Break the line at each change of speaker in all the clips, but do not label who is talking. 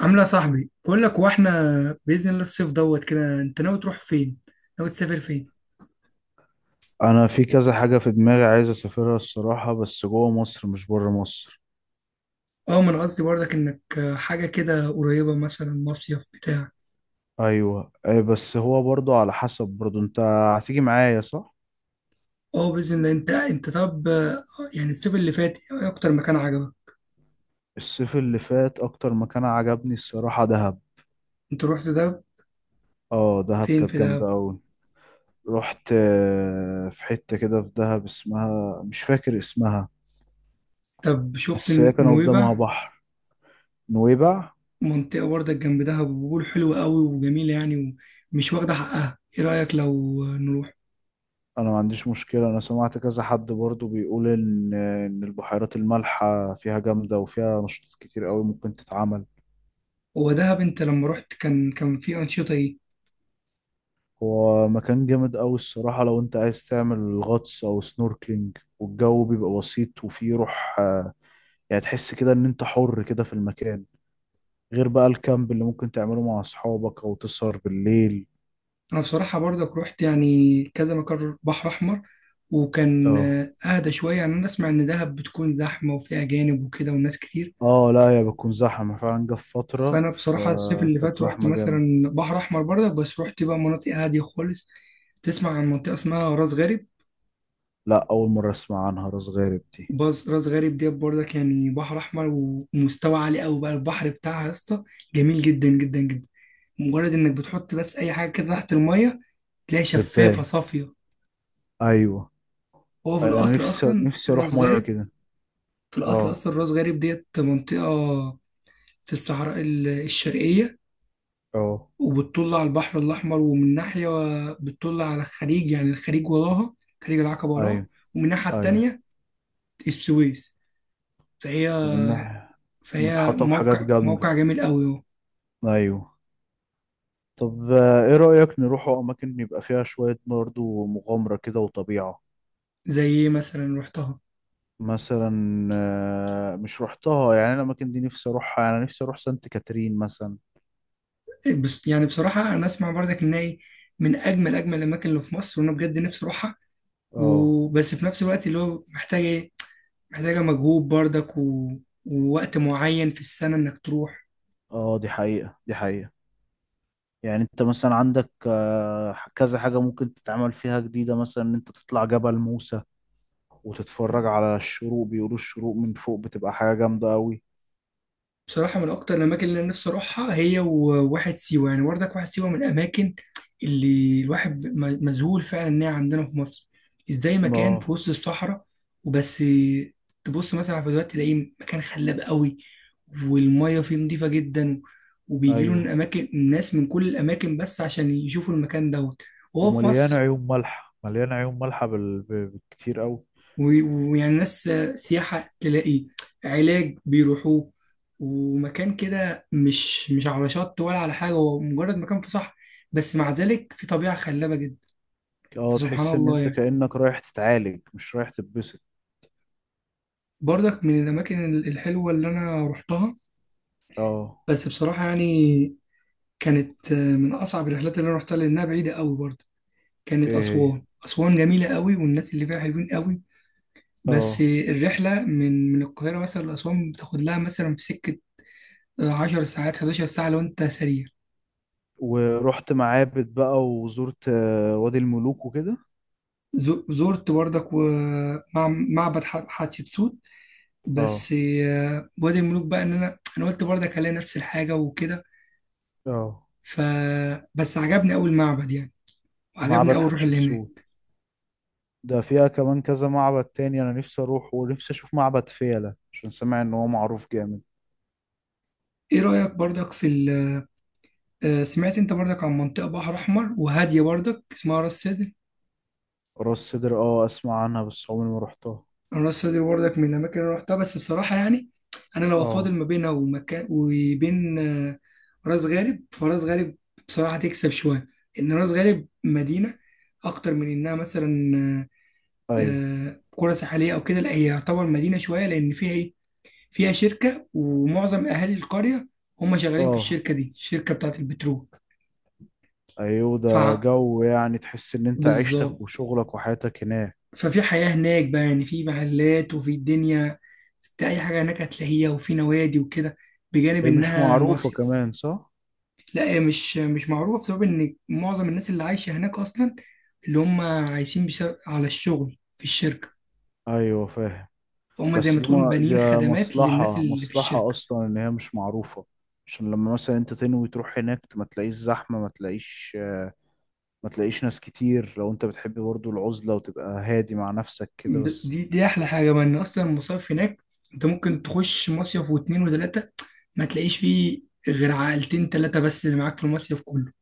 عامله يا صاحبي، بقول لك: واحنا باذن الله الصيف دوت كده. انت ناوي تروح فين؟ ناوي تسافر فين؟
انا في كذا حاجة في دماغي عايز اسافرها الصراحة، بس جوه مصر مش بره مصر.
اه، ما انا قصدي برضك انك حاجه كده قريبه، مثلا مصيف بتاع.
ايوه أي، بس هو برضو على حسب، برضو انت هتيجي معايا صح.
اه، باذن الله. انت طب يعني الصيف اللي فات، ايه اكتر مكان عجبك؟
الصيف اللي فات اكتر مكان عجبني الصراحة دهب.
انت رحت دهب؟
اه، دهب
فين
كانت
في
جامدة
دهب؟
اوي. رحت في حتة كده في دهب اسمها، مش فاكر اسمها.
طب شفت
بس هي كان قدامها
نويبع؟
بحر. نويبع.
منطقه برضك جنب دهب، وبيقول حلوه قوي وجميله يعني، ومش واخده حقها. ايه رايك لو نروح؟
انا ما عنديش مشكلة، انا سمعت كذا حد برضو بيقول ان البحيرات المالحة فيها جامدة وفيها نشاطات كتير قوي ممكن تتعمل.
هو دهب انت لما رحت كان في انشطه ايه؟
هو مكان جامد أوي الصراحة، لو أنت عايز تعمل غطس أو سنوركلينج والجو بيبقى بسيط وفيه روح. يعني تحس كده إن أنت حر كده في المكان، غير بقى الكامب اللي ممكن تعمله مع أصحابك أو تسهر بالليل.
انا بصراحه برضك رحت يعني كذا مكان بحر احمر، وكان
اه.
اهدى شويه يعني. انا اسمع ان دهب بتكون زحمه وفيها اجانب وكده والناس كتير.
اه، لا هي بتكون زحمة فعلا، جه في فترة
فانا بصراحه الصيف اللي
فكانت
فات رحت
زحمة جامد.
مثلا بحر احمر برضك، بس رحت بقى مناطق هاديه خالص. تسمع عن منطقه اسمها راس غارب؟
لا، أول مرة أسمع عنها راس غارب دي.
باز، راس غارب دي برضك يعني بحر احمر، ومستوى عالي قوي بقى البحر بتاعها يا اسطى، جميل جدا جدا جدا. مجرد انك بتحط بس اي حاجه كده تحت الميه، تلاقي شفافه
بتبان.
صافيه.
أيوة.
هو في
أيوة، أنا
الاصل
نفسي
اصلا
نفسي أروح
راس
مية
غارب،
كده.
في الأصل
اه.
أصلا راس غارب ديت منطقة في الصحراء الشرقية،
اه.
وبتطل على البحر الأحمر. ومن ناحية بتطل على الخليج، يعني الخليج وراها، خليج العقبة وراها،
أيوة.
ومن الناحية
أيوة.
التانية السويس. فهي
ومن ناحية.
فهي
متحطة بحاجات
موقع
جامدة.
موقع جميل قوي اهو.
أيوة. طب، ايه رأيك نروحوا اماكن يبقى فيها شوية برضه مغامرة كده وطبيعة؟
زي إيه مثلا رحتها؟
مثلا مش روحتها يعني، أنا الاماكن دي نفسي اروحها، يعني انا نفسي اروح سانت كاترين مثلا.
بس يعني بصراحة أنا أسمع برضك إن هي من أجمل أجمل الأماكن اللي في مصر، وأنا بجد نفسي أروحها.
اه.
وبس في نفس الوقت اللي هو محتاجة إيه؟ محتاجة مجهود برضك ووقت معين في السنة إنك تروح.
اه، دي حقيقة دي حقيقة. يعني انت مثلا عندك كذا حاجة ممكن تتعمل فيها جديدة، مثلا ان انت تطلع جبل موسى وتتفرج على الشروق، بيقولوا الشروق من فوق بتبقى حاجة جامدة قوي.
بصراحة من أكتر الأماكن اللي أنا نفسي أروحها هي وواحد سيوة يعني، وردك واحد سيوة من الأماكن اللي الواحد مذهول فعلا إنها عندنا في مصر. إزاي مكان
اه.
في وسط الصحراء؟ وبس تبص مثلا على الفيديوهات تلاقيه مكان خلاب قوي، والمية فيه نظيفة جدا، وبيجيله من
ايوه،
أماكن ناس من كل الأماكن بس عشان يشوفوا المكان دوت وهو في
ومليان
مصر.
عيون مالحة، مليان عيون مالحة بالكتير أوي.
و- ويعني ناس سياحة تلاقي، علاج بيروحوه. ومكان كده مش على شط ولا على حاجة، هو مجرد مكان في صحراء، بس مع ذلك في طبيعة خلابة جدا.
اه،
فسبحان
تحس ان
الله
انت
يعني.
كأنك رايح تتعالج مش رايح تتبسط.
برضك من الأماكن الحلوة اللي أنا رحتها،
اه.
بس بصراحة يعني كانت من أصعب الرحلات اللي أنا رحتها لأنها بعيدة قوي برضه.
ايه.
كانت
هي.
أسوان. أسوان جميلة قوي والناس اللي فيها حلوين قوي. بس
اه،
الرحلة من القاهرة مثلا لأسوان بتاخد لها مثلا في سكة 10 ساعات، 11 ساعة لو أنت سريع.
ورحت معابد بقى وزرت وادي الملوك وكده.
زرت برضك ومع معبد حتشبسوت
اه.
بس. وادي الملوك بقى إن أنا قلت برضك هلاقي نفس الحاجة وكده.
اه،
ف بس عجبني أوي المعبد يعني، وعجبني
معبد
أوي الروح اللي هناك.
حتشبسوت ده فيها كمان كذا معبد تاني، انا نفسي اروح ونفسي اشوف معبد فيلة عشان سامع ان هو معروف جامد.
إيه رأيك برضك في ال... آه، سمعت أنت برضك عن منطقة بحر أحمر وهادية برضك اسمها راس سدر؟
راس سدر، اه، اسمع عنها بس عمري ما رحتها.
انا راس سدر برضك من الاماكن اللي رحتها، بس بصراحه يعني انا لو افاضل
اه.
ما بينها ومكان وبين راس غارب، فراس غارب بصراحه تكسب شويه. ان راس غارب مدينه اكتر من انها مثلا
ايوه.
قرى ساحليه او كده. لا هي يعتبر مدينه شويه، لان فيها ايه؟ فيها شركه، ومعظم اهالي القريه هم شغالين في
اه،
الشركه دي، الشركه بتاعت البترول.
ايوه،
ف
ده جو، يعني تحس ان انت عيشتك
بالظبط.
وشغلك وحياتك هناك.
ففي حياة هناك بقى يعني، في محلات وفي الدنيا، انت اي حاجة هناك هتلاقيها، وفي نوادي وكده، بجانب
هي مش
انها
معروفة
مصيف.
كمان صح؟
لا هي مش معروفة بسبب ان معظم الناس اللي عايشة هناك اصلا، اللي هم عايشين بسبب على الشغل في الشركة.
ايوه، فاهم.
فهم زي
بس
ما
دي،
تقول
ما دي
بانيين خدمات للناس
مصلحة،
اللي في
مصلحة
الشركة.
اصلا ان هي مش معروفة، عشان لما مثلا انت تنوي تروح هناك ما تلاقيش زحمة، ما تلاقيش ناس كتير، لو انت بتحب برضو العزلة وتبقى هادي مع نفسك كده بس.
دي احلى حاجة بقى، ان اصلا المصايف هناك انت ممكن تخش مصيف واتنين وتلاتة ما تلاقيش فيه غير عائلتين تلاتة بس اللي معاك في المصيف كله.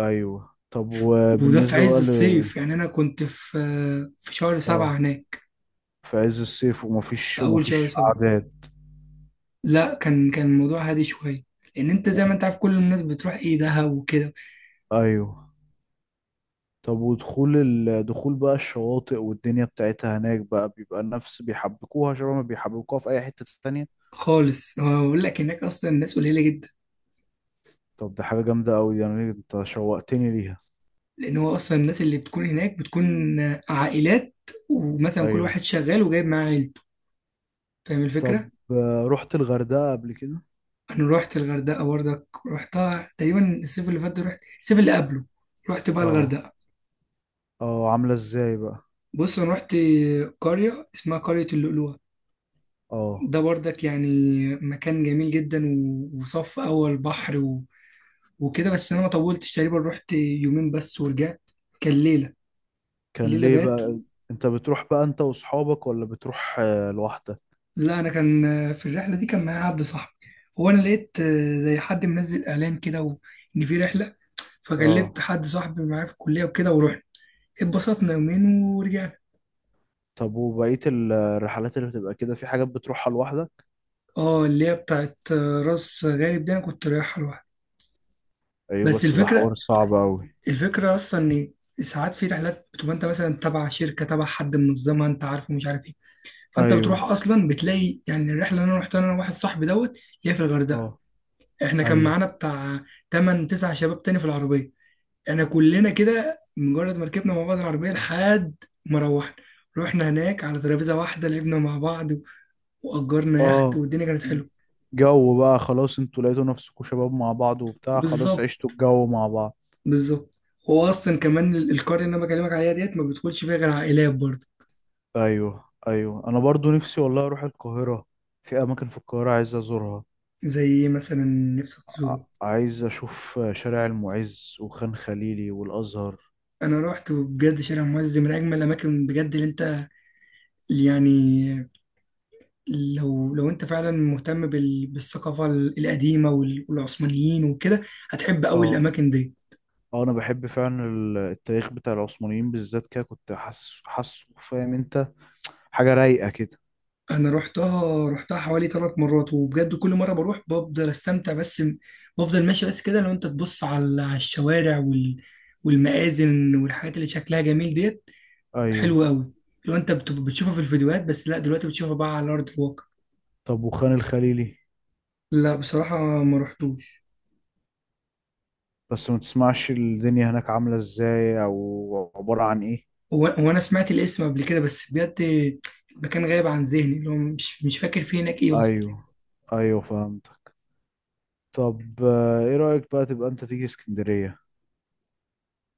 ايوه، طب
وده في
وبالنسبة
عز
بقى ل-،
الصيف يعني. أنا كنت في شهر
اه،
سبعة هناك.
في عز الصيف
في
ومفيش
أول شهر
ومفيش
سبعة.
اعداد.
لا، كان الموضوع هادي شوية، لأن أنت زي ما أنت عارف كل الناس بتروح إيه دهب وكده.
ايوه، طب ودخول ال... دخول بقى الشواطئ والدنيا بتاعتها هناك بقى، بيبقى نفس بيحبكوها شبه ما بيحبكوها في اي حتة تانية؟
خالص. هو بقول لك هناك أصلا الناس قليلة جدا،
طب ده حاجة جامدة أوي دي، يعني أنت شوقتني ليها.
لأن أصلا الناس اللي بتكون هناك بتكون عائلات، ومثلا كل
أيوه،
واحد شغال وجايب معاه عيلته. فاهم
طب
الفكرة؟
رحت الغردقة قبل كده؟
أنا رحت الغردقة برضك، رحتها تقريبا الصيف اللي فات ده، رحت الصيف اللي قبله. رحت بقى
اه.
الغردقة.
اه، عاملة ازاي بقى؟
بص، أنا رحت قرية اسمها قرية اللؤلؤة.
اه.
ده برضك يعني مكان جميل جدا، وصف أول بحر وكده. بس أنا ما طولتش، تقريبا رحت يومين بس ورجعت. كان ليلة،
كان
الليلة
ليه
بات.
بقى؟ أنت بتروح بقى أنت وأصحابك ولا بتروح لوحدك؟
لا أنا كان في الرحلة دي كان معايا حد صاحبي. هو أنا لقيت زي حد منزل إعلان كده إن في رحلة، فكلمت
اه.
حد صاحبي معايا في الكلية وكده ورحنا. اتبسطنا يومين ورجعنا.
طب وبقية الرحلات اللي بتبقى كده، في حاجات بتروحها لوحدك؟
اه، اللي هي بتاعت راس غارب دي أنا كنت رايحها لوحدي.
أيوه،
بس
بس ده حوار
الفكرة
صعب أوي.
الفكرة أصلا إن ساعات في رحلات بتبقى أنت مثلا تبع شركة، تبع حد منظمها أنت عارفه مش عارف إيه. فأنت بتروح
أيوه.
أصلا بتلاقي يعني. الرحلة اللي أنا رحتها أنا وواحد صاحبي دوت اللي هي في الغردقة،
اه.
إحنا كان
أيوه.
معانا بتاع 8 9 شباب تاني في العربية. إحنا كلنا كده مجرد ما ركبنا مع بعض العربية لحد ما روحنا، رحنا هناك على ترابيزة واحدة لعبنا مع بعض، وأجرنا يخت،
اه،
والدنيا كانت حلوة.
جو بقى، خلاص انتوا لقيتوا نفسكوا شباب مع بعض وبتاع، خلاص عشتوا
بالظبط
الجو مع بعض.
بالظبط هو أصلا كمان القرية اللي أنا بكلمك عليها ديت ما بتدخلش فيها غير عائلات برضه.
ايوه، ايوه، انا برضو نفسي والله اروح القاهره. في اماكن في القاهره عايز ازورها.
زي ايه مثلا نفسك تزوره؟
عايز اشوف شارع المعز وخان خليلي والازهر.
انا روحت وبجد شارع المعز من اجمل الاماكن بجد، اللي انت، اللي يعني، لو انت فعلا مهتم بالثقافه القديمه والعثمانيين وكده، هتحب قوي
اه.
الاماكن دي.
اه، انا بحب فعلا التاريخ بتاع العثمانيين بالذات كده، كنت حاسه حاسه، فاهم انت؟ حاجه رايقه كده.
انا روحتها حوالي ثلاث مرات وبجد كل مره بروح بفضل استمتع، بس بفضل ماشي بس كده. لو انت تبص على الشوارع والمآذن والحاجات اللي شكلها جميل ديت،
ايوه،
حلوه قوي. لو انت بتشوفها في الفيديوهات بس، لا دلوقتي بتشوفها بقى على ارض الواقع.
طب وخان الخليلي؟
لا بصراحة ما رحتوش.
بس ما تسمعش الدنيا هناك عامله ازاي او عباره عن ايه؟
هو أنا سمعت الاسم قبل كده بس بجد المكان غايب عن ذهني، اللي هو مش فاكر فيه هناك إيه أصلا.
ايوه، ايوه، فهمتك. طب ايه رايك بقى تبقى انت تيجي اسكندريه؟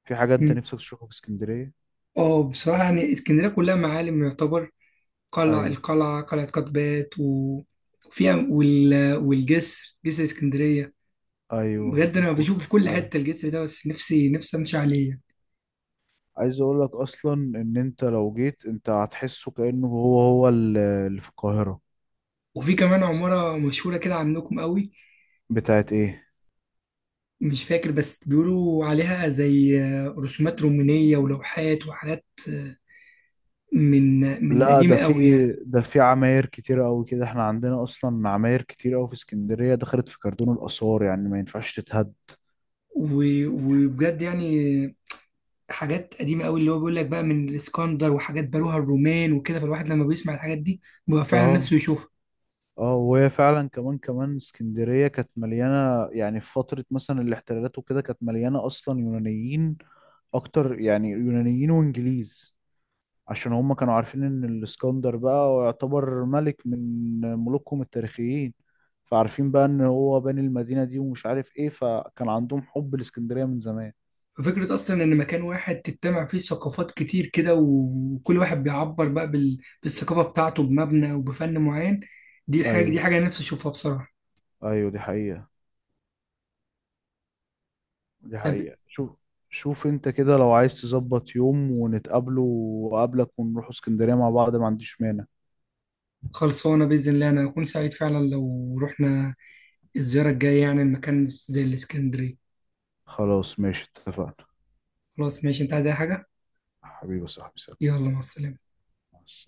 في حاجة انت
مم.
نفسك تشوفها في اسكندرية؟
اه، بصراحة يعني اسكندرية كلها معالم يعتبر.
ايوه،
القلعة، قلعة قطبات، وفيها والجسر، جسر اسكندرية.
ايوه،
بجد أنا بشوف
الكورة،
في كل
ايوه.
حتة الجسر ده، بس نفسي أمشي عليه.
عايز اقول لك اصلا ان انت لو جيت انت هتحسه كأنه هو هو اللي في القاهرة.
وفي كمان عمارة مشهورة كده عندكم قوي.
بتاعت ايه؟
مش فاكر، بس بيقولوا عليها زي رسومات رومانية ولوحات وحاجات، من من
لا،
قديمة
ده في
قوي يعني.
ده في عماير كتيرة قوي كده، احنا عندنا اصلا عماير كتير قوي في اسكندرية دخلت في كردون الآثار، يعني ما ينفعش تتهد.
وبجد يعني حاجات قديمة قوي اللي هو بيقول لك بقى من الإسكندر، وحاجات بنوها الرومان وكده، فالواحد لما بيسمع الحاجات دي بيبقى فعلا
اه.
نفسه يشوفها.
اه، وهي فعلا كمان كمان اسكندرية كانت مليانة، يعني في فترة مثلا الاحتلالات وكده كانت مليانة اصلا يونانيين، اكتر يعني يونانيين وانجليز، عشان هم كانوا عارفين ان الاسكندر بقى هو يعتبر ملك من ملوكهم التاريخيين، فعارفين بقى ان هو باني المدينة دي ومش عارف ايه، فكان عندهم حب الاسكندرية من زمان.
ففكرة أصلا إن مكان واحد تجتمع فيه ثقافات كتير كده، وكل واحد بيعبر بقى بالثقافة بتاعته بمبنى وبفن معين. دي حاجة
ايوه،
دي حاجة أنا نفسي أشوفها بصراحة.
ايوه، دي حقيقة، دي
طب،
حقيقة. شوف، شوف انت كده، لو عايز تظبط يوم ونتقابله وقابلك ونروح اسكندرية مع بعض، ما عنديش مانع.
خلصانة بإذن الله. أنا هكون سعيد فعلا لو رحنا الزيارة الجاية يعني المكان زي الإسكندرية.
خلاص ماشي اتفقنا.
خلاص ماشي. أنت عايز أي حاجة؟
حبيبي يا صاحبي سلام.
يلا، مع السلامة.
مع السلامة.